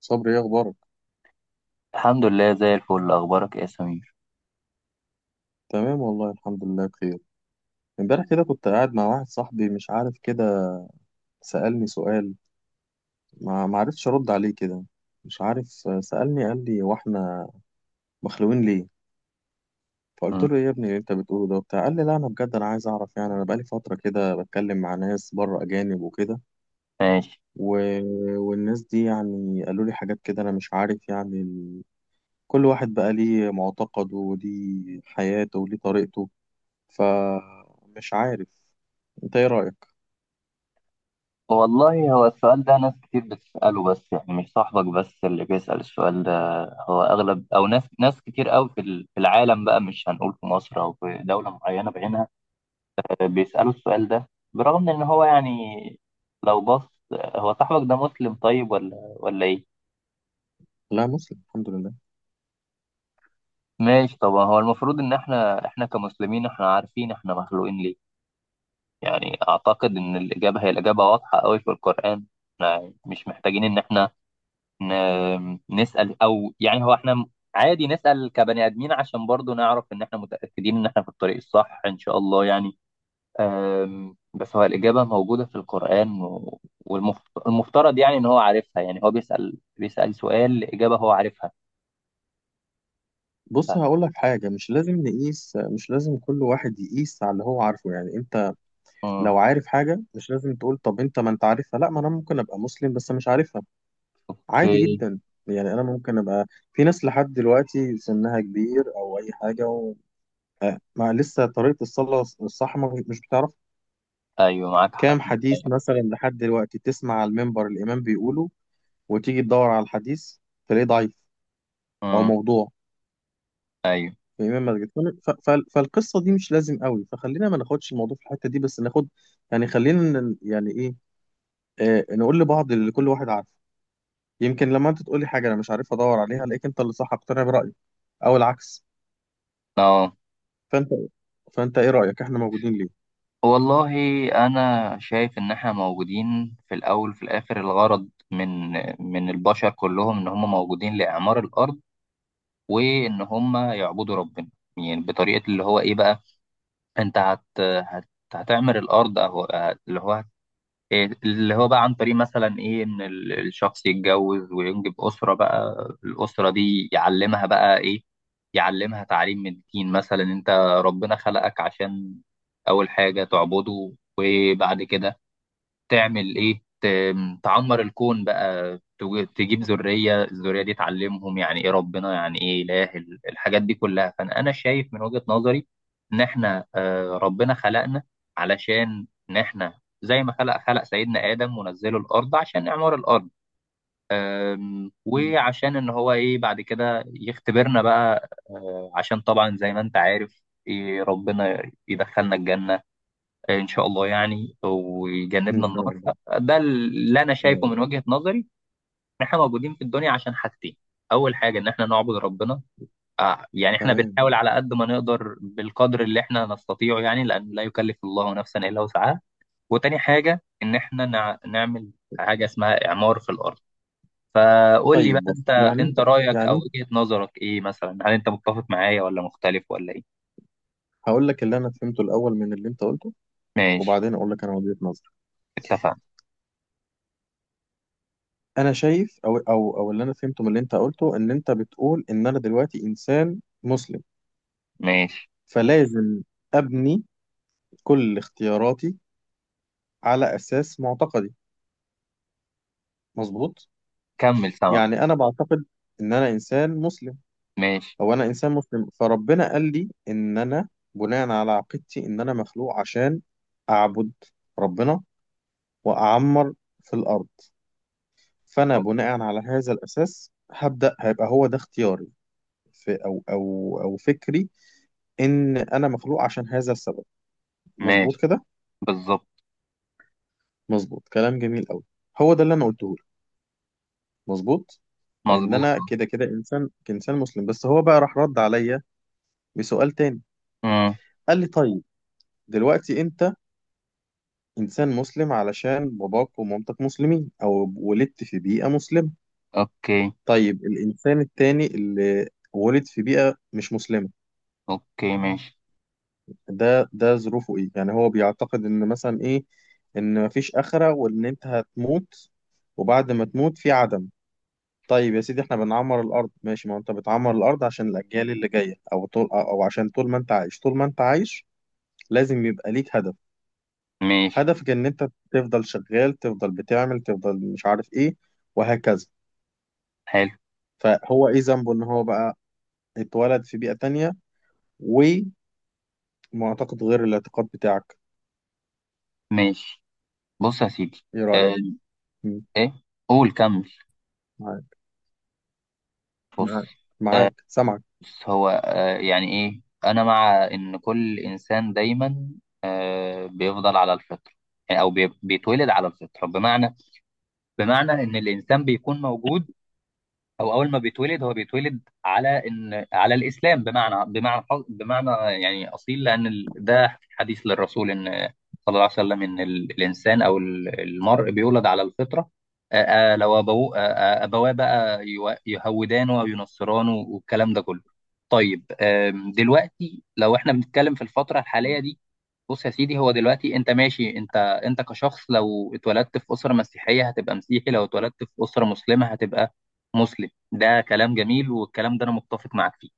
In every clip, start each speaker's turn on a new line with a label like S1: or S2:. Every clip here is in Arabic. S1: صبري ايه اخبارك؟
S2: الحمد لله زي الفل، اخبارك إيه يا سمير؟
S1: تمام والله الحمد لله بخير. امبارح كده كنت قاعد مع واحد صاحبي، مش عارف كده، سألني سؤال. ما عرفتش ارد عليه كده، مش عارف. سألني قال لي: واحنا مخلوقين ليه؟ فقلت
S2: م-
S1: له ايه يا ابني اللي انت بتقوله ده وبتاع؟ قال لي: لا انا بجد انا عايز اعرف، يعني انا بقالي فترة كده بتكلم مع ناس بره اجانب وكده،
S2: ماشي.
S1: و... والناس دي يعني قالوا لي حاجات كده، انا مش عارف يعني كل واحد بقى ليه معتقده وليه حياته وليه طريقته، فمش عارف انت ايه رأيك؟
S2: والله، هو السؤال ده ناس كتير بتسأله، بس يعني مش صاحبك بس اللي بيسأل السؤال ده. هو اغلب او ناس كتير قوي في العالم بقى، مش هنقول في مصر او في دولة معينة بعينها. بيسألوا السؤال ده برغم ان هو يعني لو بص. هو صاحبك ده مسلم طيب ولا ايه؟
S1: لا مسلم الحمد لله.
S2: ماشي، طبعا هو المفروض ان احنا كمسلمين احنا عارفين احنا مخلوقين ليه. يعني أعتقد إن الإجابة واضحة أوي في القرآن. إحنا مش محتاجين إن إحنا نسأل، أو يعني هو إحنا عادي نسأل كبني آدمين عشان برضو نعرف إن إحنا متأكدين إن إحنا في الطريق الصح إن شاء الله يعني. بس هو الإجابة موجودة في القرآن، والمفترض يعني إن هو عارفها، يعني هو بيسأل سؤال إجابة هو عارفها.
S1: بص هقول لك حاجة: مش لازم نقيس، مش لازم كل واحد يقيس على اللي هو عارفه. يعني انت لو
S2: مم.
S1: عارف حاجة مش لازم تقول طب انت ما انت عارفها، لا ما انا ممكن ابقى مسلم بس مش عارفها، عادي
S2: أوكي.
S1: جدا. يعني انا ممكن ابقى في ناس لحد دلوقتي سنها كبير او اي حاجة وما لسه طريقة الصلاة الصح مش بتعرف.
S2: أيوه معاك حق.
S1: كام حديث
S2: أيوه.
S1: مثلا لحد دلوقتي تسمع على المنبر الامام بيقوله، وتيجي تدور على الحديث تلاقيه ضعيف او
S2: أمم.
S1: موضوع
S2: أيوه.
S1: امام مسجد. فالقصه دي مش لازم قوي، فخلينا ما ناخدش الموضوع في الحته دي، بس ناخد يعني خلينا يعني ايه، آه نقول لبعض اللي كل واحد عارفه. يمكن لما انت تقولي حاجه انا مش عارف ادور عليها الاقيك انت اللي صح، اقتنع برايي او العكس.
S2: أه.
S1: فانت فانت ايه رايك، احنا موجودين ليه؟
S2: والله، أنا شايف إن إحنا موجودين في الأول وفي الآخر الغرض من البشر كلهم إن هم موجودين لإعمار الأرض، وإن هم يعبدوا ربنا. يعني بطريقة اللي هو إيه بقى، أنت هت هت هتعمر الأرض، أو اللي هو إيه اللي هو بقى عن طريق مثلا ايه، ان الشخص يتجوز وينجب اسره بقى. الاسره دي يعلمها بقى ايه؟ يعلمها تعليم من الدين. مثلا انت، ربنا خلقك عشان اول حاجه تعبده، وبعد كده تعمل ايه، تعمر الكون بقى، تجيب ذرية، الذرية دي تعلمهم يعني ايه ربنا، يعني ايه اله، الحاجات دي كلها. فانا شايف من وجهة نظري ان احنا، ربنا خلقنا علشان ان احنا زي ما خلق سيدنا آدم ونزله الأرض عشان إعمار الأرض.
S1: مم.
S2: وعشان إن هو إيه بعد كده يختبرنا بقى، عشان طبعا زي ما أنت عارف إيه ربنا يدخلنا الجنة ان شاء الله يعني،
S1: ان
S2: ويجنبنا
S1: شاء
S2: النار.
S1: الله.
S2: ده اللي انا
S1: يا
S2: شايفه
S1: رب.
S2: من وجهة نظري، ان احنا موجودين في الدنيا عشان حاجتين. اول حاجة ان احنا نعبد ربنا، يعني احنا
S1: تمام.
S2: بنحاول على قد ما نقدر، بالقدر اللي احنا نستطيعه، يعني لان لا يكلف الله نفسا الا وسعها. وتاني حاجة ان احنا نعمل حاجة اسمها اعمار في الارض. فقول لي بقى
S1: طيب بص
S2: انت
S1: يعني انت،
S2: انت رايك او
S1: يعني
S2: وجهة نظرك ايه، مثلا هل انت متفق معايا ولا مختلف ولا ايه؟
S1: هقول لك اللي انا فهمته الاول من اللي انت قلته،
S2: ماشي.
S1: وبعدين اقول لك انا وجهة نظري.
S2: اتفقنا.
S1: انا شايف، او اللي انا فهمته من اللي انت قلته ان انت بتقول ان انا دلوقتي انسان مسلم
S2: ماشي،
S1: فلازم أبني كل اختياراتي على أساس معتقدي، مظبوط؟
S2: كمل سما.
S1: يعني أنا بعتقد إن أنا إنسان مسلم،
S2: ماشي.
S1: أو أنا إنسان مسلم فربنا قال لي إن أنا بناء على عقيدتي إن أنا مخلوق عشان أعبد ربنا وأعمر في الأرض. فأنا بناء على هذا الأساس هبدأ هيبقى هو ده اختياري في أو فكري إن أنا مخلوق عشان هذا السبب، مظبوط
S2: ماشي،
S1: كده؟
S2: بالظبط.
S1: مظبوط، كلام جميل أوي، هو ده اللي أنا قلته، مظبوط. لان
S2: مظبوط.
S1: انا كده كده انسان كإنسان مسلم. بس هو بقى راح رد عليا بسؤال تاني،
S2: امم.
S1: قال لي: طيب دلوقتي انت انسان مسلم علشان باباك ومامتك مسلمين او ولدت في بيئة مسلمة،
S2: اوكي.
S1: طيب الانسان التاني اللي ولد في بيئة مش مسلمة
S2: اوكي، ماشي.
S1: ده ظروفه ايه؟ يعني هو بيعتقد ان مثلا ايه، ان مفيش آخرة وان انت هتموت وبعد ما تموت في عدم. طيب يا سيدي احنا بنعمر الارض، ماشي، ما انت بتعمر الارض عشان الاجيال اللي جايه، او طول او عشان طول ما انت عايش، طول ما انت عايش لازم يبقى ليك هدف.
S2: ماشي.
S1: هدفك ان انت تفضل شغال تفضل بتعمل تفضل مش عارف ايه وهكذا.
S2: حلو.
S1: فهو ايه ذنبه ان هو بقى اتولد في بيئه تانية ومعتقد غير الاعتقاد بتاعك؟
S2: ماشي. بص يا سيدي.
S1: ايه
S2: آه،
S1: رايك؟ مم.
S2: ايه، قول كمل.
S1: معاك،
S2: بص.
S1: معاك،
S2: آه،
S1: معاك سامعك.
S2: بص هو، يعني ايه، انا مع ان كل انسان دايما، بيفضل على الفطره، يعني او بيتولد على الفطره. بمعنى ان الانسان بيكون موجود، هو اول ما بيتولد هو بيتولد على ان على الاسلام، بمعنى يعني اصيل، لان ده حديث للرسول ان صلى الله عليه وسلم ان الانسان او المرء بيولد على الفطره. لو ابوه، ابواه بقى يهودانه او ينصرانه والكلام ده كله. طيب، دلوقتي لو احنا بنتكلم في الفتره الحاليه دي، بص يا سيدي، هو دلوقتي انت ماشي، انت كشخص لو اتولدت في اسره مسيحيه هتبقى مسيحي، لو اتولدت في اسره مسلمه هتبقى مسلم. ده كلام جميل والكلام ده انا متفق معاك فيه.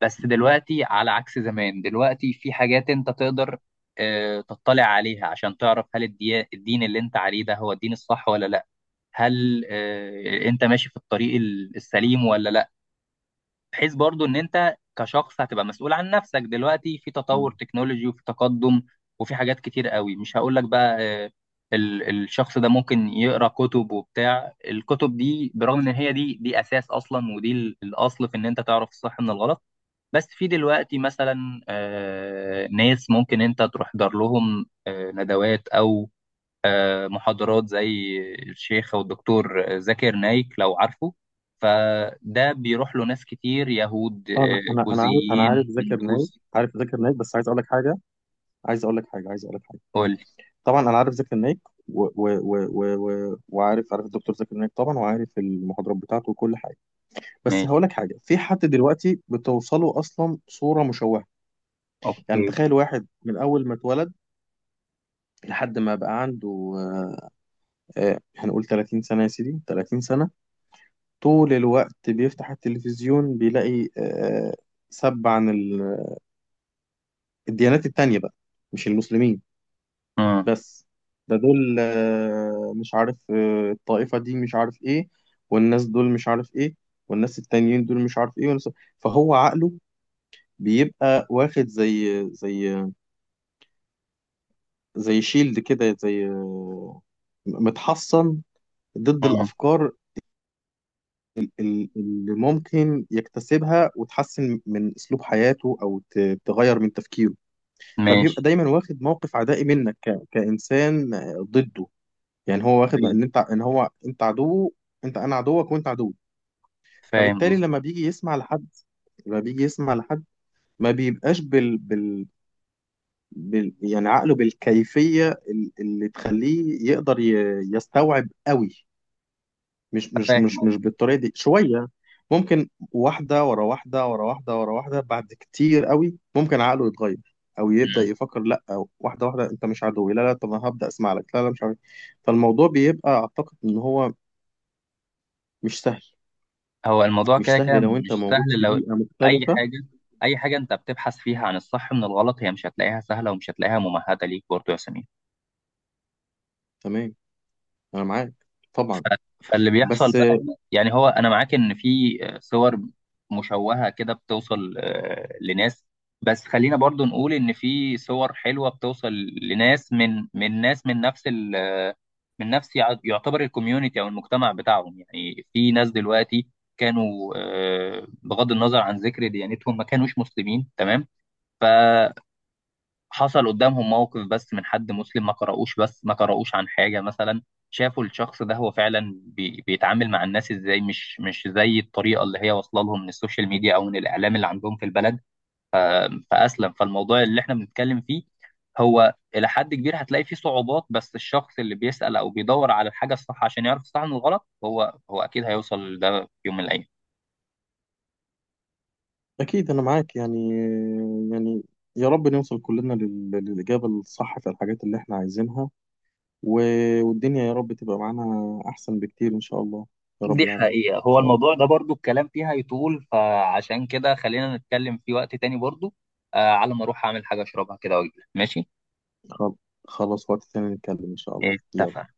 S2: بس دلوقتي على عكس زمان، دلوقتي في حاجات انت تقدر تطلع عليها عشان تعرف هل الدين اللي انت عليه ده هو الدين الصح ولا لا، هل انت ماشي في الطريق السليم ولا لا، بحيث برضو ان انت كشخص هتبقى مسؤول عن نفسك. دلوقتي في تطور
S1: مم.
S2: تكنولوجي وفي تقدم وفي حاجات كتير قوي، مش هقول لك بقى، آه، الشخص ده ممكن يقرا كتب وبتاع، الكتب دي برغم ان هي دي اساس اصلا، ودي الاصل في ان انت تعرف الصح من الغلط. بس في دلوقتي مثلا، ناس ممكن انت تروح دار لهم ندوات او محاضرات زي الشيخ والدكتور زاكر نايك لو عارفه. فده بيروح له ناس كتير يهود،
S1: انا عارف، انا
S2: بوذيين،
S1: عارف ذاكر نايك،
S2: هندوس.
S1: عارف ذاكر نايك، بس عايز اقول لك حاجه، عايز اقول لك حاجه، عايز اقول لك حاجه.
S2: قول.
S1: طبعا انا عارف زكي النايك و... و... و... و... وعارف، عارف الدكتور زكي النايك طبعا، وعارف المحاضرات بتاعته وكل حاجه. بس هقول
S2: ماشي.
S1: لك حاجه: في حد دلوقتي بتوصله اصلا صوره مشوهه. يعني
S2: اوكي.
S1: تخيل واحد من اول ما اتولد لحد ما بقى عنده آه، هنقول 30 سنه، يا سيدي 30 سنه، طول الوقت بيفتح التلفزيون بيلاقي سب عن الديانات التانيه بقى، مش المسلمين
S2: امم.
S1: بس. ده دول مش عارف، الطائفة دي مش عارف ايه، والناس دول مش عارف ايه، والناس التانيين دول مش عارف ايه، فهو عقله بيبقى واخد زي شيلد كده، زي متحصن ضد
S2: امم.
S1: الأفكار اللي ممكن يكتسبها وتحسن من أسلوب حياته أو تغير من تفكيره. فبيبقى
S2: ماشي.
S1: دايما واخد موقف عدائي منك كإنسان ضده، يعني هو واخد
S2: طيب.
S1: ان انت ان هو انت عدوه، انت انا عدوك وانت عدوي.
S2: فاهم
S1: فبالتالي
S2: قصدك.
S1: لما بيجي يسمع لحد ما بيبقاش يعني عقله بالكيفية اللي تخليه يقدر يستوعب قوي، مش مش
S2: فاهم
S1: مش مش
S2: قصدك.
S1: بالطريقة دي شوية. ممكن واحدة ورا واحدة ورا واحدة ورا واحدة بعد كتير قوي ممكن عقله يتغير او يبدأ
S2: مم.
S1: يفكر لا، أو واحدة واحدة انت مش عدوي، لا طب انا هبدأ اسمع لك، لا مش عارف إيه. فالموضوع بيبقى اعتقد ان هو مش سهل،
S2: هو الموضوع
S1: مش
S2: كده كده
S1: سهل لو انت
S2: مش
S1: موجود
S2: سهل
S1: في
S2: لو
S1: بيئة
S2: اي
S1: مختلفة.
S2: حاجه. اي حاجه انت بتبحث فيها عن الصح من الغلط هي مش هتلاقيها سهله، ومش هتلاقيها ممهده ليك برضه يا سمير.
S1: تمام انا معاك طبعا.
S2: فاللي بيحصل
S1: بس
S2: بقى هنا يعني، هو انا معاك ان في صور مشوهه كده بتوصل لناس، بس خلينا برضو نقول ان في صور حلوه بتوصل لناس من ناس من نفس ال آه، من نفس يعتبر الكوميونتي او المجتمع بتاعهم. يعني في ناس دلوقتي كانوا، بغض النظر عن ذكر ديانتهم ما كانوش مسلمين، تمام، حصل قدامهم موقف بس من حد مسلم، ما قرأوش عن حاجة، مثلا شافوا الشخص ده هو فعلا بيتعامل مع الناس ازاي، مش زي الطريقة اللي هي واصلة لهم من السوشيال ميديا او من الاعلام اللي عندهم في البلد، فأسلم. فالموضوع اللي احنا بنتكلم فيه هو إلى حد كبير هتلاقي فيه صعوبات، بس الشخص اللي بيسأل او بيدور على الحاجة الصح عشان يعرف الصح من الغلط هو اكيد هيوصل لده في يوم من الايام.
S1: اكيد انا معاك يعني. يعني يا رب نوصل كلنا للإجابة الصح في الحاجات اللي احنا عايزينها، والدنيا يا رب تبقى معانا احسن بكتير ان شاء الله. يا رب
S2: دي
S1: العالمين ان
S2: حقيقة، هو
S1: شاء الله.
S2: الموضوع ده برضو الكلام فيها يطول، فعشان كده خلينا نتكلم في وقت تاني برضو. على ما اروح اعمل حاجة اشربها كده واجيلك، ماشي؟
S1: خل- خلاص وقت تاني نتكلم ان شاء الله، يلا.
S2: اتفق.